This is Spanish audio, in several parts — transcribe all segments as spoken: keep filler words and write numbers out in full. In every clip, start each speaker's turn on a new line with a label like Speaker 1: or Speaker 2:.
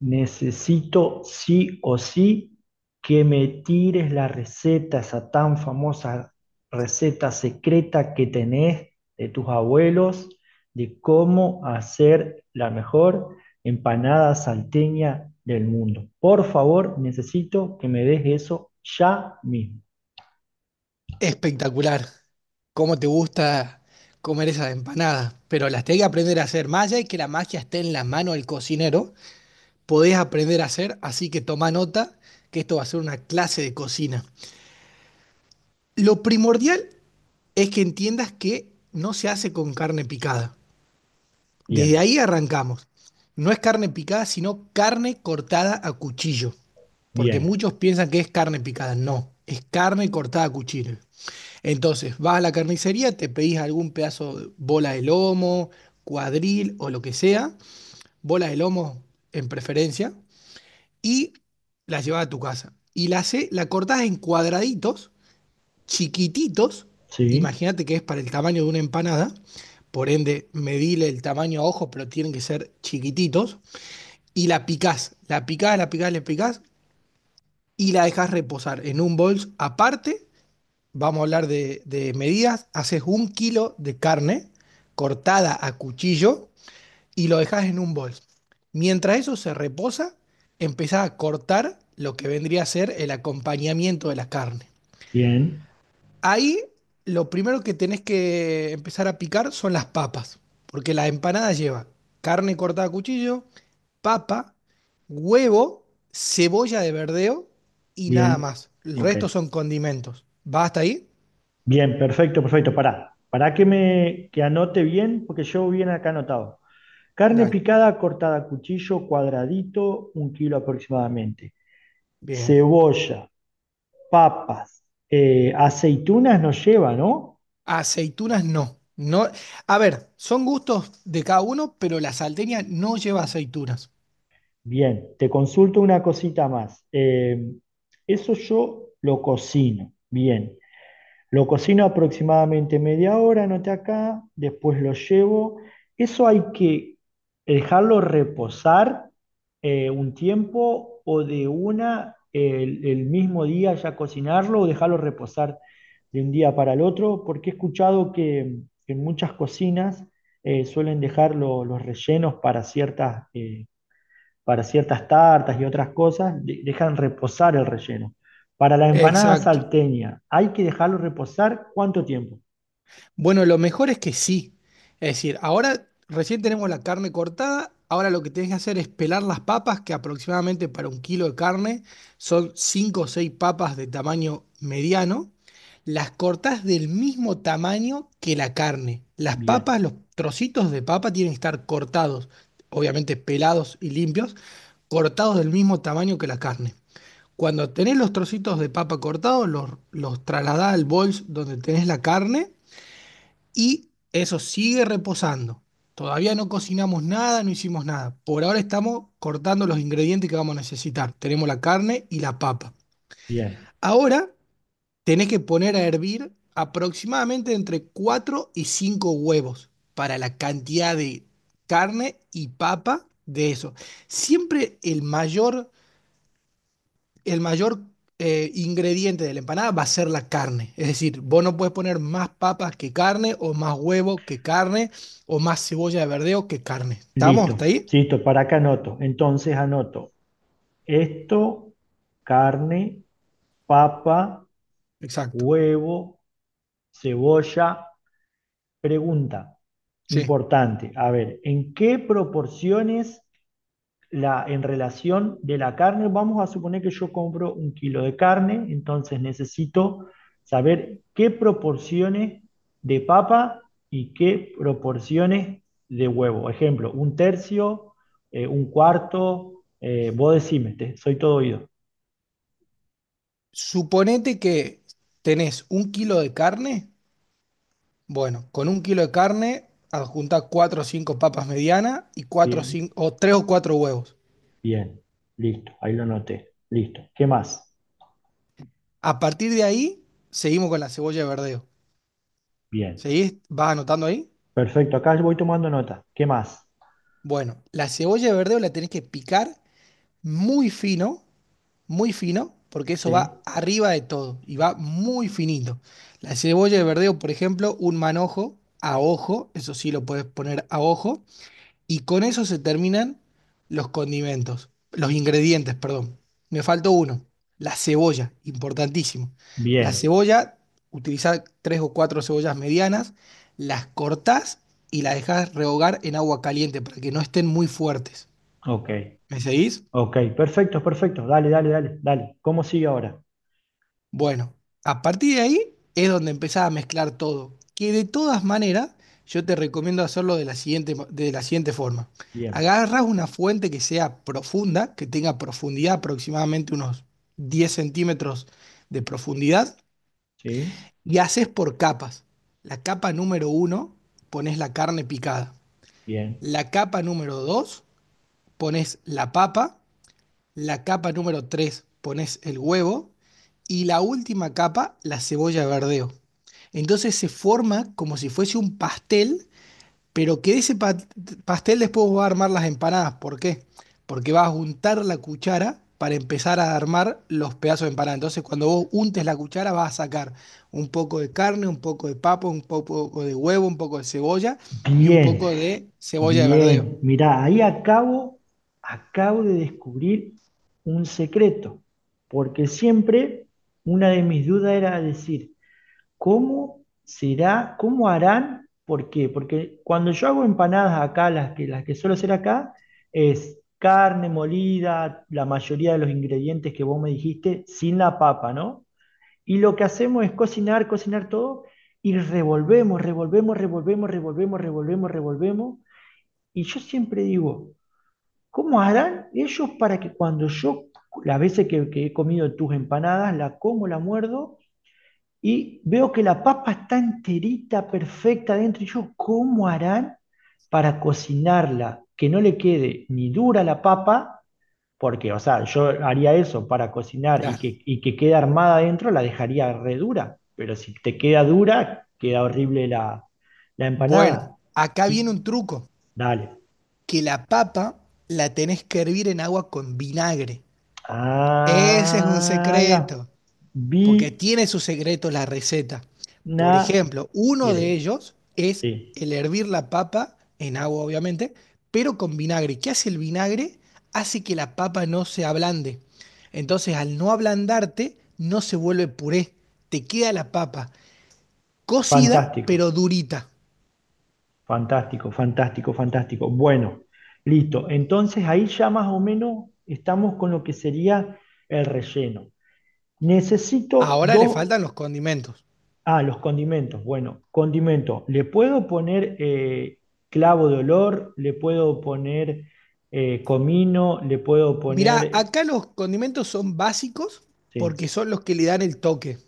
Speaker 1: Necesito sí o sí que me tires la receta, esa tan famosa receta secreta que tenés de tus abuelos, de cómo hacer la mejor empanada salteña del mundo. Por favor, necesito que me des eso ya mismo.
Speaker 2: Espectacular. ¿Cómo te gusta comer esas empanadas? Pero las tenés que aprender a hacer. Más allá de que la magia esté en la mano del cocinero, podés aprender a hacer, así que toma nota que esto va a ser una clase de cocina. Lo primordial es que entiendas que no se hace con carne picada. Desde
Speaker 1: Bien,
Speaker 2: ahí arrancamos. No es carne picada, sino carne cortada a cuchillo. Porque
Speaker 1: bien,
Speaker 2: muchos piensan que es carne picada. No, es carne cortada a cuchillo. Entonces, vas a la carnicería, te pedís algún pedazo de bola de lomo, cuadril o lo que sea, bola de lomo en preferencia, y la llevas a tu casa. Y la, hace- la cortás en cuadraditos, chiquititos,
Speaker 1: sí,
Speaker 2: imagínate que es para el tamaño de una empanada, por ende, medile el tamaño a ojo, pero tienen que ser chiquititos, y la picás, la picás, la picás, la picás, y la dejás reposar en un bols aparte. Vamos a hablar de, de medidas. Haces un kilo de carne cortada a cuchillo y lo dejas en un bol. Mientras eso se reposa, empezás a cortar lo que vendría a ser el acompañamiento de la carne.
Speaker 1: bien,
Speaker 2: Ahí lo primero que tenés que empezar a picar son las papas, porque la empanada lleva carne cortada a cuchillo, papa, huevo, cebolla de verdeo y nada
Speaker 1: bien,
Speaker 2: más. El
Speaker 1: ok.
Speaker 2: resto son condimentos. ¿Va hasta ahí?
Speaker 1: Bien, perfecto, perfecto. Pará, pará que me que anote bien, porque yo bien acá anotado. Carne
Speaker 2: Dale.
Speaker 1: picada cortada a cuchillo cuadradito, un kilo aproximadamente.
Speaker 2: Bien.
Speaker 1: Cebolla, papas, eh, aceitunas nos lleva, ¿no?
Speaker 2: Aceitunas no. No, a ver, son gustos de cada uno, pero la salteña no lleva aceitunas.
Speaker 1: Bien, te consulto una cosita más. Eh, eso yo lo cocino, bien. Lo cocino aproximadamente media hora, noté acá, después lo llevo. Eso hay que dejarlo reposar eh, un tiempo o de una el, el mismo día ya cocinarlo o dejarlo reposar de un día para el otro, porque he escuchado que en muchas cocinas eh, suelen dejar lo- los rellenos para ciertas eh, para ciertas tartas y otras cosas, de- dejan reposar el relleno. Para la empanada
Speaker 2: Exacto.
Speaker 1: salteña, ¿hay que dejarlo reposar cuánto tiempo?
Speaker 2: Bueno, lo mejor es que sí. Es decir, ahora recién tenemos la carne cortada, ahora lo que tenés que hacer es pelar las papas, que aproximadamente para un kilo de carne son cinco o seis papas de tamaño mediano. Las cortás del mismo tamaño que la carne. Las
Speaker 1: Bien,
Speaker 2: papas, los trocitos de papa tienen que estar cortados, obviamente pelados y limpios, cortados del mismo tamaño que la carne. Cuando tenés los trocitos de papa cortados, los, los trasladás al bols donde tenés la carne y eso sigue reposando. Todavía no cocinamos nada, no hicimos nada. Por ahora estamos cortando los ingredientes que vamos a necesitar. Tenemos la carne y la papa.
Speaker 1: bien.
Speaker 2: Ahora tenés que poner a hervir aproximadamente entre cuatro y cinco huevos para la cantidad de carne y papa de eso. Siempre el mayor el mayor eh, ingrediente de la empanada va a ser la carne. Es decir, vos no puedes poner más papas que carne, o más huevo que carne, o más cebolla de verdeo que carne. ¿Estamos?
Speaker 1: Listo,
Speaker 2: ¿Está ahí?
Speaker 1: listo. Para acá anoto. Entonces anoto esto, carne, papa,
Speaker 2: Exacto.
Speaker 1: huevo, cebolla. Pregunta
Speaker 2: Sí.
Speaker 1: importante. A ver, ¿en qué proporciones la, en relación de la carne, vamos a suponer que yo compro un kilo de carne, entonces necesito saber qué proporciones de papa y qué proporciones de huevo. Ejemplo, un tercio, eh, un cuarto, eh, vos decime, te- soy todo oído.
Speaker 2: Suponete que tenés un kilo de carne. Bueno, con un kilo de carne adjunta cuatro o cinco papas medianas y cuatro o
Speaker 1: Bien,
Speaker 2: cinco o tres o cuatro huevos.
Speaker 1: bien, listo, ahí lo noté, listo. ¿Qué más?
Speaker 2: A partir de ahí, seguimos con la cebolla de verdeo.
Speaker 1: Bien,
Speaker 2: ¿Seguís? ¿Vas anotando ahí?
Speaker 1: perfecto, acá voy tomando nota. ¿Qué más?
Speaker 2: Bueno, la cebolla de verdeo la tenés que picar muy fino, muy fino, porque eso va
Speaker 1: Sí,
Speaker 2: arriba de todo y va muy finito. La cebolla de verdeo, por ejemplo, un manojo a ojo, eso sí lo puedes poner a ojo, y con eso se terminan los condimentos, los ingredientes, perdón. Me faltó uno, la cebolla, importantísimo. La
Speaker 1: bien,
Speaker 2: cebolla, utilizar tres o cuatro cebollas medianas, las cortás y las dejás rehogar en agua caliente para que no estén muy fuertes.
Speaker 1: ok.
Speaker 2: ¿Me seguís?
Speaker 1: Ok, perfecto, perfecto. Dale, dale, dale, dale. ¿Cómo sigue ahora?
Speaker 2: Bueno, a partir de ahí es donde empezás a mezclar todo, que de todas maneras yo te recomiendo hacerlo de la siguiente, mo- de la siguiente forma.
Speaker 1: Bien,
Speaker 2: Agarras una fuente que sea profunda, que tenga profundidad aproximadamente unos diez centímetros de profundidad
Speaker 1: ¿sí?
Speaker 2: y haces por capas. La capa número uno pones la carne picada.
Speaker 1: Bien.
Speaker 2: La capa número dos pones la papa, la capa número tres pones el huevo y la última capa la cebolla de verdeo. Entonces se forma como si fuese un pastel, pero que de ese pa- pastel después va a armar las empanadas. ¿Por qué? Porque vas a untar la cuchara para empezar a armar los pedazos de empanada. Entonces cuando vos untes la cuchara vas a sacar un poco de carne, un poco de papa, un poco de huevo, un poco de cebolla y un
Speaker 1: Bien,
Speaker 2: poco de cebolla de verdeo.
Speaker 1: bien. Mirá, ahí acabo, acabo de descubrir un secreto, porque siempre una de mis dudas era decir, ¿cómo será, cómo harán? ¿Por qué? Porque cuando yo hago empanadas acá, las que, las que suelo hacer acá, es carne molida, la mayoría de los ingredientes que vos me dijiste, sin la papa, ¿no? Y lo que hacemos es cocinar, cocinar todo y revolvemos, revolvemos, revolvemos, revolvemos, revolvemos, revolvemos. Y yo siempre digo, ¿cómo harán ellos para que cuando yo, las veces que, que he comido tus empanadas, la como, la muerdo y veo que la papa está enterita, perfecta dentro, y yo, ¿cómo harán para cocinarla? Que no le quede ni dura la papa, porque, o sea, yo haría eso para cocinar y
Speaker 2: Claro.
Speaker 1: que, y que quede armada adentro, la dejaría re dura. Pero si te queda dura, queda horrible la, la
Speaker 2: Bueno,
Speaker 1: empanada.
Speaker 2: acá
Speaker 1: Y
Speaker 2: viene un truco.
Speaker 1: dale.
Speaker 2: Que la papa la tenés que hervir en agua con vinagre. Ese es un
Speaker 1: Ah, ahí va.
Speaker 2: secreto, porque tiene sus secretos la receta. Por
Speaker 1: Vinagre.
Speaker 2: ejemplo, uno de ellos es
Speaker 1: Sí,
Speaker 2: el hervir la papa en agua, obviamente, pero con vinagre. ¿Qué hace el vinagre? Hace que la papa no se ablande. Entonces, al no ablandarte, no se vuelve puré. Te queda la papa cocida,
Speaker 1: fantástico,
Speaker 2: pero durita.
Speaker 1: fantástico, fantástico, fantástico. Bueno, listo. Entonces ahí ya más o menos estamos con lo que sería el relleno. Necesito
Speaker 2: Ahora le
Speaker 1: dos.
Speaker 2: faltan los condimentos.
Speaker 1: Ah, los condimentos. Bueno, condimento. Le puedo poner eh, clavo de olor, le puedo poner eh, comino, le puedo
Speaker 2: Mirá,
Speaker 1: poner...
Speaker 2: acá los condimentos son básicos
Speaker 1: Sí,
Speaker 2: porque son los que le dan el toque.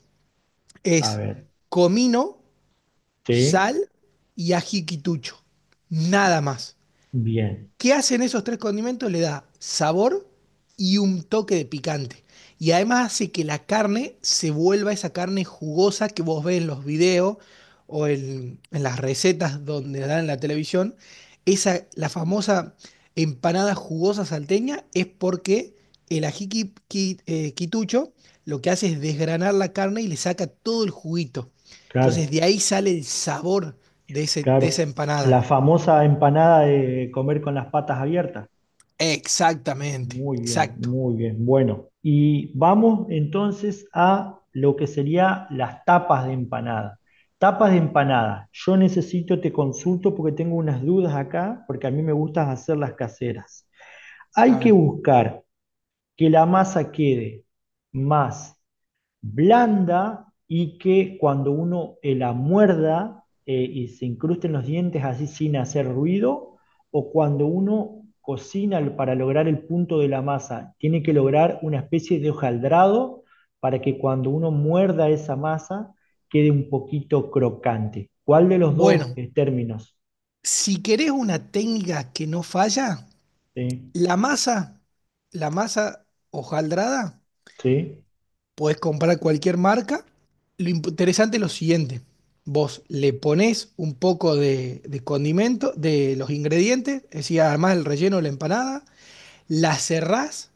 Speaker 1: a
Speaker 2: Es
Speaker 1: ver.
Speaker 2: comino,
Speaker 1: Sí,
Speaker 2: sal y ají quitucho. Nada más.
Speaker 1: bien,
Speaker 2: ¿Qué hacen esos tres condimentos? Le da sabor y un toque de picante. Y además hace que la carne se vuelva esa carne jugosa que vos ves en los videos o en, en las recetas donde la dan en la televisión. Esa, la famosa empanada jugosa salteña es porque el ají qui- qui- eh, quitucho lo que hace es desgranar la carne y le saca todo el juguito. Entonces
Speaker 1: claro,
Speaker 2: de ahí sale el sabor de, ese- de esa
Speaker 1: claro.
Speaker 2: empanada.
Speaker 1: La famosa empanada de comer con las patas abiertas.
Speaker 2: Exactamente,
Speaker 1: Muy bien,
Speaker 2: exacto.
Speaker 1: muy bien. Bueno, y vamos entonces a lo que sería las tapas de empanada. Tapas de empanada. Yo necesito, te consulto porque tengo unas dudas acá, porque a mí me gusta hacer las caseras.
Speaker 2: A
Speaker 1: Hay que
Speaker 2: ver,
Speaker 1: buscar que la masa quede más blanda y que cuando uno eh, la muerda eh, y se incrusten los dientes así sin hacer ruido, o cuando uno cocina para lograr el punto de la masa, tiene que lograr una especie de hojaldrado para que cuando uno muerda esa masa quede un poquito crocante. ¿Cuál de los dos
Speaker 2: bueno,
Speaker 1: eh, términos?
Speaker 2: si querés una técnica que no falla,
Speaker 1: ¿Sí?
Speaker 2: la masa, la masa hojaldrada,
Speaker 1: ¿Sí?
Speaker 2: podés comprar cualquier marca. Lo imp- interesante es lo siguiente, vos le ponés un poco de, de condimento, de los ingredientes, es decir, además el relleno de la empanada, la cerrás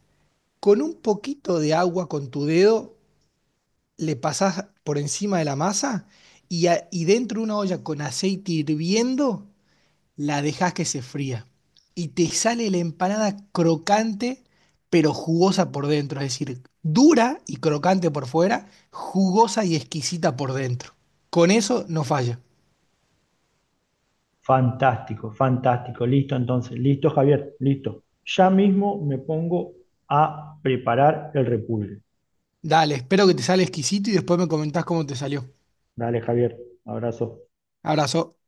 Speaker 2: con un poquito de agua con tu dedo, le pasás por encima de la masa y, a- y dentro de una olla con aceite hirviendo, la dejás que se fría. Y te sale la empanada crocante, pero jugosa por dentro. Es decir, dura y crocante por fuera, jugosa y exquisita por dentro. Con eso no falla.
Speaker 1: Fantástico, fantástico. Listo, entonces, listo, Javier, listo. Ya mismo me pongo a preparar el repulgue.
Speaker 2: Dale, espero que te sale exquisito y después me comentás cómo te salió.
Speaker 1: Dale, Javier, abrazo.
Speaker 2: Abrazo.